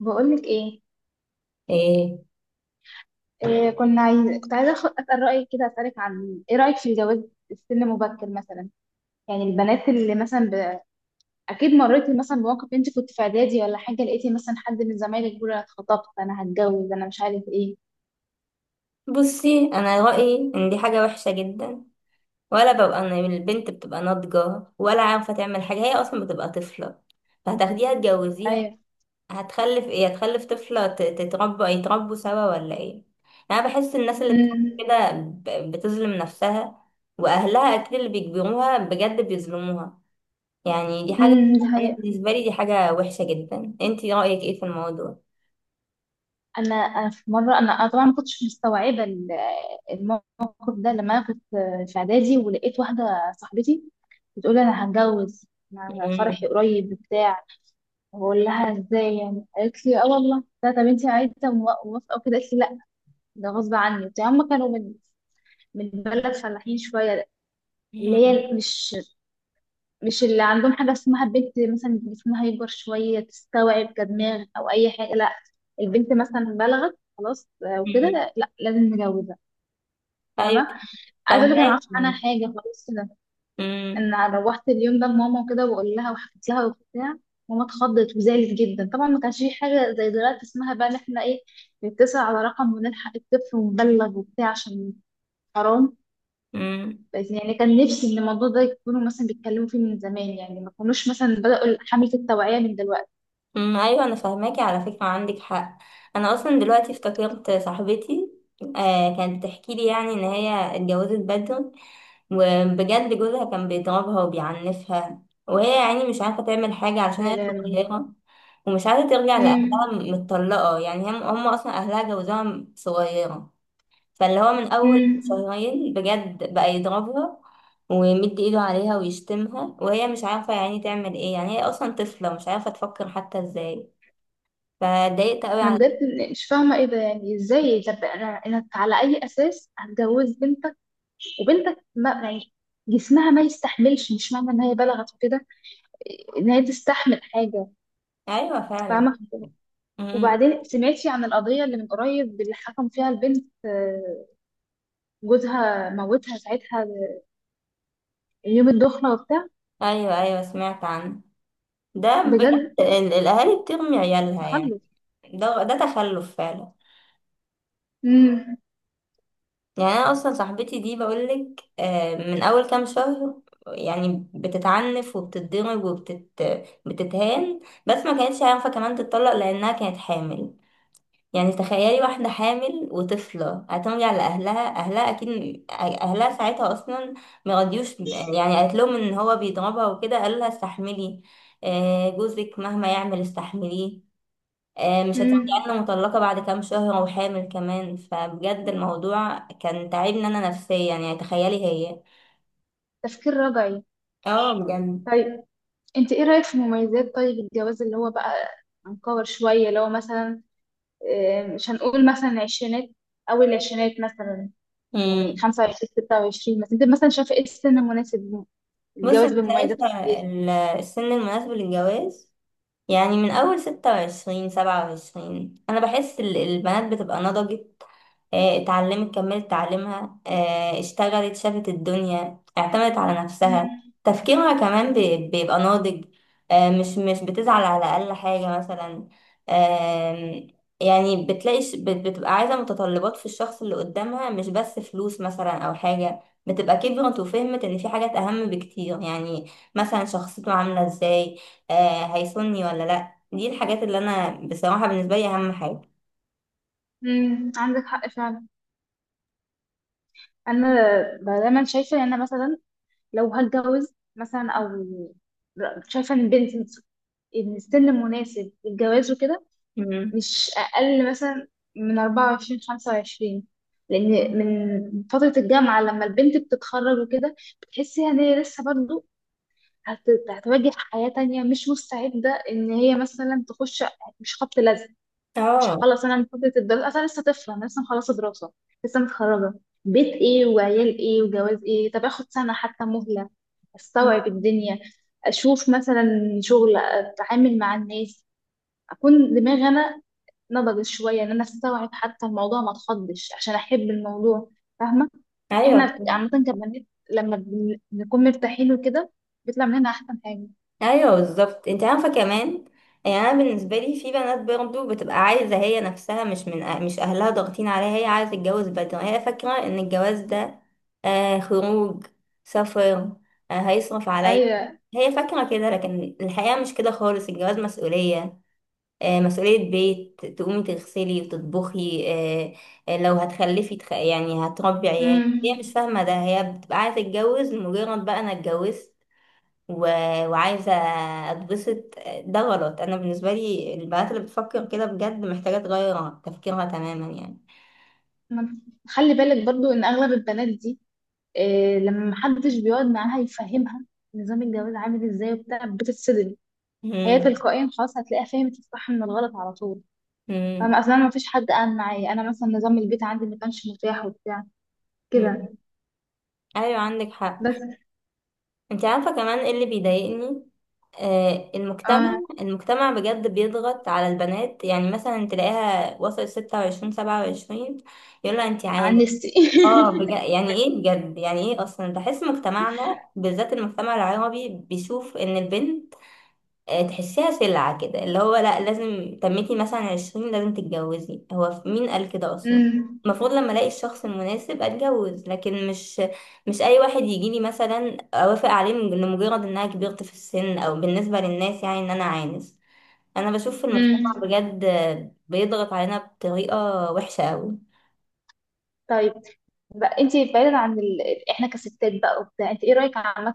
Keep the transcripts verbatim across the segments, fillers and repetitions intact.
بقولك ايه, ايه، إيه كنا عايز... كنت عايزه أخ- اسال رايك كده اسالك عن ايه رايك في الجواز في سن مبكر مثلا. يعني البنات اللي مثلا ب... اكيد مريتي مثلا بموقف انت كنت في اعدادي ولا حاجه، لقيتي مثلا حد من زمايلك بيقول انا اتخطبت انا هتجوز انا مش عارف ايه. بصي انا رايي ان دي حاجه وحشه جدا. ولا ببقى انا البنت بتبقى ناضجه ولا عارفه تعمل حاجه، هي اصلا بتبقى طفله، فهتاخديها تجوزيها. ايوه. هتخلف ايه؟ هتخلف طفله ت- تتربى، يتربوا سوا ولا ايه؟ يعني انا بحس الناس اللي بتعمل امم. كده ب- بتظلم نفسها، واهلها اكيد اللي بيجبروها بجد بيظلموها. يعني دي حاجه، امم، دي انا حقيقة. بالنسبه لي دي حاجه وحشه جدا. انتي رايك ايه في الموضوع؟ انا انا في مره انا أنا طبعا ما كنتش مستوعبه ال- الموقف ده، لما انا كنت في اعدادي ولقيت واحده صاحبتي بتقول لي انا هتجوز. أنا فرحي مم. قريب بتاع، بقول لها ازاي، يعني قالت لي اه والله لا، طب انت عايزه مو- موافقه وكده، قالت لي لا ده غصب عني وبتاع. هم كانوا من من بلد فلاحين شويه، اللي مم. هي مش مش اللي عندهم حاجه اسمها بنت مثلا جسمها يكبر شويه تستوعب كدماغ او اي حاجه، لا البنت مثلا بلغت خلاص آه، مم. وكده لا لازم نجوزها. ايوه. فاهمه. عايزه اقول لك انا ما اعرفش عنها فاهمك. حاجه خلاص. امم. ان أنا روحت اليوم ده لماما وكده واقول لها وحكيت لها وبتاع. ماما اتخضت وزعلت جدا، طبعا ما كانش في حاجه زي دلوقتي اسمها بقى ان احنا ايه نتصل على رقم ونلحق الطفل ونبلغ وبتاع، عشان حرام. امم. بس يعني كان نفسي ان الموضوع ده يكونوا مثلا بيتكلموا فيه من زمان، يعني ما كانوش مثلا بدأوا حملة التوعية من دلوقتي. أمم، ايوه انا فاهماكي على فكره، عندك حق. انا اصلا دلوقتي افتكرت صاحبتي، آه كانت بتحكي لي يعني ان هي اتجوزت بدري، وبجد جوزها كان بيضربها وبيعنفها، وهي يعني مش عارفه تعمل حاجه عشان لا هي لا لا. صغيره، ومش عارفه ترجع لاهلها، امم. متطلقه يعني. هم هم اصلا اهلها جوزها صغيره، فاللي هو من أول امم. شهرين بجد بقى يضربها ويمد ايده عليها ويشتمها، وهي مش عارفة يعني تعمل ايه. يعني هي أصلا طفلة مش عارفة تفكر حتى ازاي. فاتضايقت قوي انا على… بجد مش فاهمه ايه ده، يعني ازاي؟ طب انا انا على اي اساس هتجوز بنت وبنتك، ما يعني جسمها ما يستحملش. مش معنى ان هي بلغت وكده ان هي تستحمل حاجه. أيوة فعلا. فاهمه. أمم. وبعدين سمعتي عن القضيه اللي من قريب اللي حكم فيها البنت آه، جوزها موتها ساعتها يوم الدخله وبتاع. أيوة أيوة سمعت عنه، ده بجد. بجد. ال- الأهالي بترمي عيالها يعني، تخلف. ده ده تخلف فعلا. امم. يعني انا اصلا صاحبتي دي، بقولك آه، من اول كام شهر يعني بتتعنف وبتتضرب وبتت بتتهان، بس ما كانتش عارفه كمان تتطلق لانها كانت حامل. يعني تخيلي واحده حامل وطفله هترجع لاهلها، اهلها اكيد اهلها ساعتها اصلا ما رضيوش يعني. قالت لهم ان هو بيضربها وكده، قالوا لها استحملي، آه، جوزك مهما يعمل استحمليه، آه، مش امم، هترجعلنا مطلقة بعد كام شهر وحامل كمان. فبجد الموضوع كان تعبني أنا نفسيا، يعني تخيلي هي… تفكير رجعي. اه بجد. طيب، انت ايه رايك في مميزات طيب الجواز اللي هو بقى هنكور شويه، اللي هو مثلا آه، مش هنقول مثلا عشرينات، اول العشرينات مثلا، يعني امم. خمسة وعشرين ستة وعشرين مثلا، انت مثلا شايفه ايه السن المناسب بص للجواز أنا شايفة بمميزاته وكويسه يعني؟ ال- السن المناسب للجواز، يعني من أول ستة وعشرين سبعة وعشرين، أنا بحس ال- البنات بتبقى نضجت، آه، اتعلمت كملت تعليمها، آه، اشتغلت شافت الدنيا اعتمدت على نفسها. مم. تفكيرها كمان بي- بيبقى ناضج، آه، مش مش بتزعل على أقل حاجة مثلا. آم، يعني بتلاقي ش- بت- بتبقى عايزة متطلبات في الشخص اللي قدامها، مش بس فلوس مثلا أو حاجة. بتبقى كبرت وفهمت إن في حاجات أهم بكتير، يعني مثلا شخصيته عاملة إزاي، آه، هيسني ولا لأ. دي الحاجات اللي أنا بصراحة بالنسبة لي أهم حاجة. مم، عندك حق فعلا. انا دايما شايفه ان انا مثلا لو هتجوز مثلا او شايفه ان البنت، ان السن المناسب للجواز وكده مم. مش اقل مثلا من اربعة وعشرين خمسه وعشرين. لان من فتره الجامعه لما البنت بتتخرج وكده بتحسي ان هي لسه برضه هت- هتواجه حياة تانية، مش مستعدة ان هي مثلا تخش مش خبط لزق. مش اه. هخلص انا من فترة الدراسة اصلا لسه طفلة، انا لسه مخلصة دراسة، لسه متخرجة، بيت ايه وعيال ايه وجواز ايه؟ طب اخد سنة حتى مهلة استوعب الدنيا، اشوف مثلا شغل، اتعامل مع الناس، اكون دماغي انا نضجت شوية ان انا استوعب حتى الموضوع ما اتخضش، عشان احب الموضوع. فاهمة. ايوه. احنا عامة كبنات لما بن- بنكون مرتاحين وكده بيطلع مننا احسن حاجة. ايوه بالظبط. انت عارفه كمان، يعني انا بالنسبه لي في بنات برضو بتبقى عايزه هي نفسها، مش من أه- مش اهلها ضاغطين عليها، هي عايزه تتجوز بدري. هي فاكره ان الجواز ده آه خروج، سفر، آه هيصرف عليا. ايوه. هي فاكره كده، لكن الحقيقه مش كده خالص. الجواز مسؤوليه، آه مسؤوليه بيت، تقومي تغسلي وتطبخي، آه، آه، لو هتخلفي تخ... يعني هتربي عيال. هي امم. مش فاهمه ده، هي بتبقى عايزه تتجوز مجرد بقى انا اتجوزت و... وعايزة اتبسط. ده غلط، انا بالنسبة لي البنات اللي بتفكر كده بجد محتاجة تغير تفكيرها تماما يعني. ما- خلي بالك برضو ان اغلب البنات دي إيه، لما محدش بيقعد معاها يفهمها نظام الجواز عامل ازاي وبتاع بتتصدم. هي مم. تلقائيا خلاص هتلاقيها فهمت الصح من الغلط على طول. مم. فانا اصلا ما فيش حد قال معايا، انا مثلا نظام البيت عندي ما كانش متاح وبتاع كده. مم. ايوه عندك حق. بس. انت عارفة كمان ايه اللي بيضايقني؟ آه، المجتمع. آه. المجتمع بجد بيضغط على البنات، يعني مثلا تلاقيها وصلت ستة وعشرين سبعة وعشرين، يقولها انت عن عاني. نفسي اه بجد، يعني ايه بجد يعني ايه؟ اصلا بحس مجتمعنا بالذات المجتمع العربي بيشوف ان البنت، آه، تحسيها سلعة كده، اللي هو لا لازم تميتي مثلا عشرين لازم تتجوزي. هو ف- مين قال كده أصلا؟ امم. المفروض لما ألاقي الشخص المناسب أتجوز، لكن مش مش أي واحد يجيلي مثلا أوافق عليه من- لمجرد إنها كبرت في السن، أو بالنسبة للناس يعني إن أنا عانس. أنا بشوف في المجتمع امم. بجد آه، بيضغط علينا بطريقة وحشة أوي. طيب، بقى انت بعيدا عن ال... احنا كستات بقى وبتاع، انت ايه رايك عامه،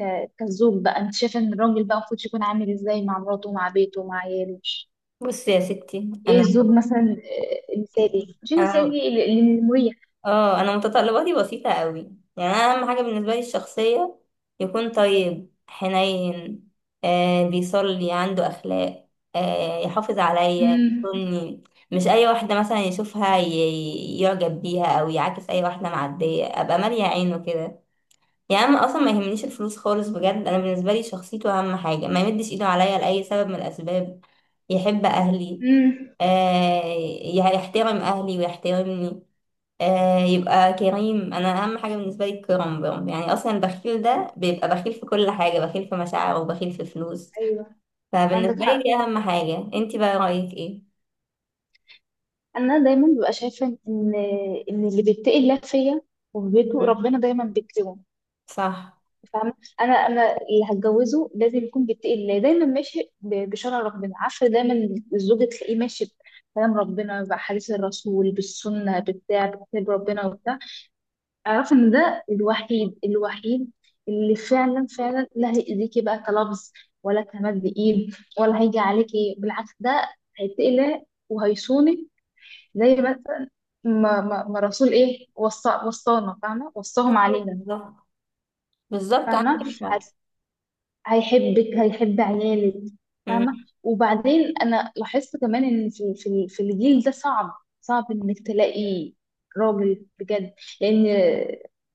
ك... كزوج بقى، انت شايفه ان الراجل بقى المفروض يكون عامل ازاي مع مراته مع بيته مع عياله؟ بصي يا ستي، ايه أنا الزوج مثلا آه، المثالي مش أنا المثالي ال- ال- المريح. اه انا متطلباتي بسيطة قوي. يعني انا اهم حاجة بالنسبة لي الشخصية، يكون طيب حنين، آه بيصلي عنده اخلاق، آه يحافظ عليا، يكون امم. مش اي واحدة مثلا يشوفها ي- يعجب بيها او يعاكس اي واحدة معدية، ابقى مالية عينه كده. يعني انا اصلا ما يهمنيش الفلوس خالص، بجد انا بالنسبة لي شخصيته اهم حاجة، ما يمدش ايده عليا لأي سبب من الاسباب، يحب اهلي، امم. آه، يحترم اهلي ويحترمني، آه يبقى كريم. انا اهم حاجه بالنسبه لي الكرم برم، يعني اصلا البخيل ده بيبقى بخيل في كل حاجه، بخيل في مشاعره وبخيل في فلوس. ايوه، عندك فبالنسبه لي حق. دي اهم حاجه. انتي بقى رايك ايه؟ انا دايما ببقى شايفه ان ان اللي بيتقي الله فيا وفي بيته مم. ربنا دايما بيكرمه. صح. فاهمة. انا انا اللي هتجوزه لازم يكون بيتقي الله، دايما ماشي ب- بشرع ربنا، عارفة؟ دايما الزوج تلاقيه ماشي بكلام ربنا، بحديث الرسول، بالسنة بتاع، بكتاب ربنا وبتاع. اعرف ان ده الوحيد الوحيد اللي فعلا فعلا لا هيأذيكي بقى كلفظ ولا كمد ايد، ولا هيجي عليكي بالعكس، ده هيتقي الله وهيصونك. زي مثلا ما, ما, ما الرسول ايه وصى، وصانا، فاهمة؟ وصاهم علينا. بالظبط، بالظبط عندك فاهمة. حق. هيحبك، هيحب عيالك. مم. فاهمة. وبعدين أنا لاحظت كمان إن في في في الجيل ده صعب، صعب إنك تلاقي راجل بجد. لأن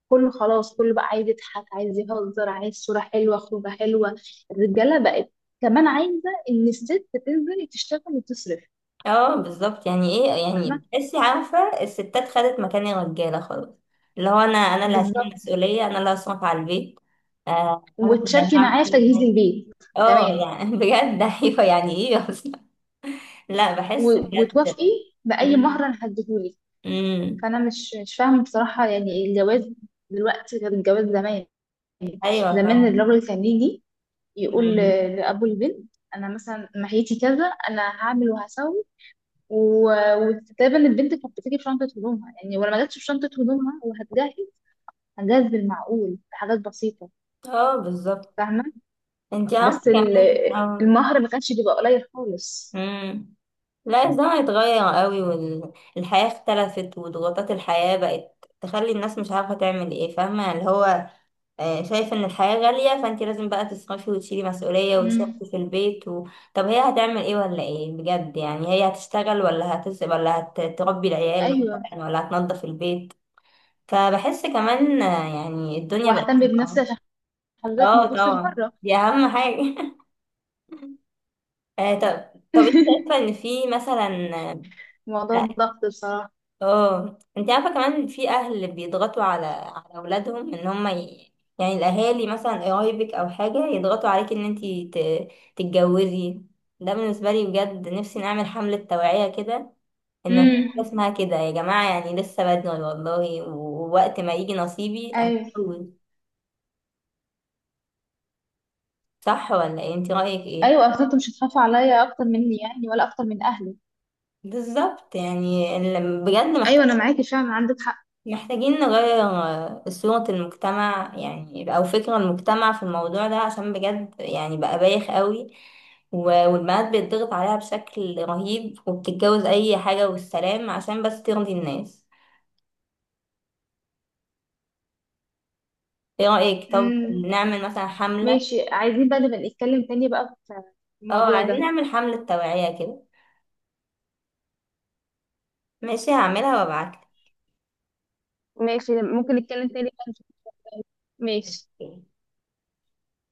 كله خلاص، كله بقى عايز يضحك، عايز يهزر، عايز صورة حلوة، خروجة حلوة. الرجالة بقت كمان عايزة إن الست تنزل تشتغل وتصرف. اه بالظبط، يعني ايه يعني فاهمة. بتحسي، عارفه الستات خدت مكان الرجاله خلاص. اللي هو انا انا اللي هشيل بالظبط. المسؤوليه، انا اللي هصرف على البيت، آه انا اللي وتشاركي هعمل معايا في كل تجهيز حاجه. البيت اه كمان، يعني بجد ايوه يعني ايه اصلا. لا بحس و- وتوافقي بجد. بأي مهر مم. أنا هديهولك. مم. فانا مش مش فاهمه بصراحه، يعني الجواز دلوقتي غير الجواز زمان. ايوه زمان فعلا. الراجل كان يجي يقول مم. ل- لابو البنت انا مثلا محيتي كذا، انا هعمل وهسوي، و- وتقريبا البنت كانت بتيجي بشنطه هدومها، يعني ولما جاتش بشنطه هدومها وهتجهز هتجهز بالمعقول بحاجات بسيطه. اه بالظبط. فاهمه. انت بس عارفه ال- كمان اه. المهر ما كانش بيبقى قليل خالص. مم. لا الزمن اتغير قوي، والحياه اختلفت، وضغوطات الحياه بقت تخلي الناس مش عارفه تعمل ايه. فاهمه اللي هو، آه، شايف ان الحياه غاليه، فانت لازم بقى تصرفي وتشيلي مسؤوليه مم. وتصرفي في البيت و... طب هي هتعمل ايه ولا ايه بجد؟ يعني هي هتشتغل، ولا هتس ولا هتربي العيال ايوه، مثلا، ولا هتنظف البيت؟ فبحس كمان آه، يعني الدنيا بقت واهتم بنفسي صعبة. عشان حضرتك ما اه تبصش طبعا بره. دي اهم حاجة آه، طب طب انت شايفة ان في مثلا… موضوع اه، الضغط بصراحه. آه، انت عارفة كمان في اهل بيضغطوا على على اولادهم ان هم ي... يعني الاهالي مثلا قرايبك او حاجة يضغطوا عليك ان انت ت... تتجوزي. ده بالنسبة لي بجد نفسي نعمل حملة توعية كده، ان في حاجة امم. اسمها كده يا جماعة، يعني لسه بدري والله، ووقت ما يجي نصيبي ايوه. هتجوز. صح ولا ايه؟ انت رأيك ايه؟ ايوه، اصل انت مش هتخاف عليا اكتر مني يعني ولا اكتر من اهلي. بالظبط، يعني ال- بجد ايوه محتاج، انا معاكي فعلا، عندك حق. محتاجين نغير آه، صورة المجتمع يعني، او فكر المجتمع في الموضوع ده، عشان بجد يعني بقى بايخ قوي. و- والبنات بيتضغط عليها بشكل رهيب، وبتتجوز اي حاجة والسلام عشان بس ترضي الناس. ايه رأيك؟ طب امم. نعمل مثلا حملة. ماشي، عايزين بقى نبقى نتكلم تاني بقى في اه الموضوع عايزين ده. نعمل حملة توعية كده، ماشي هعملها وابعتلك. ماشي، ممكن نتكلم تاني بقى. ماشي.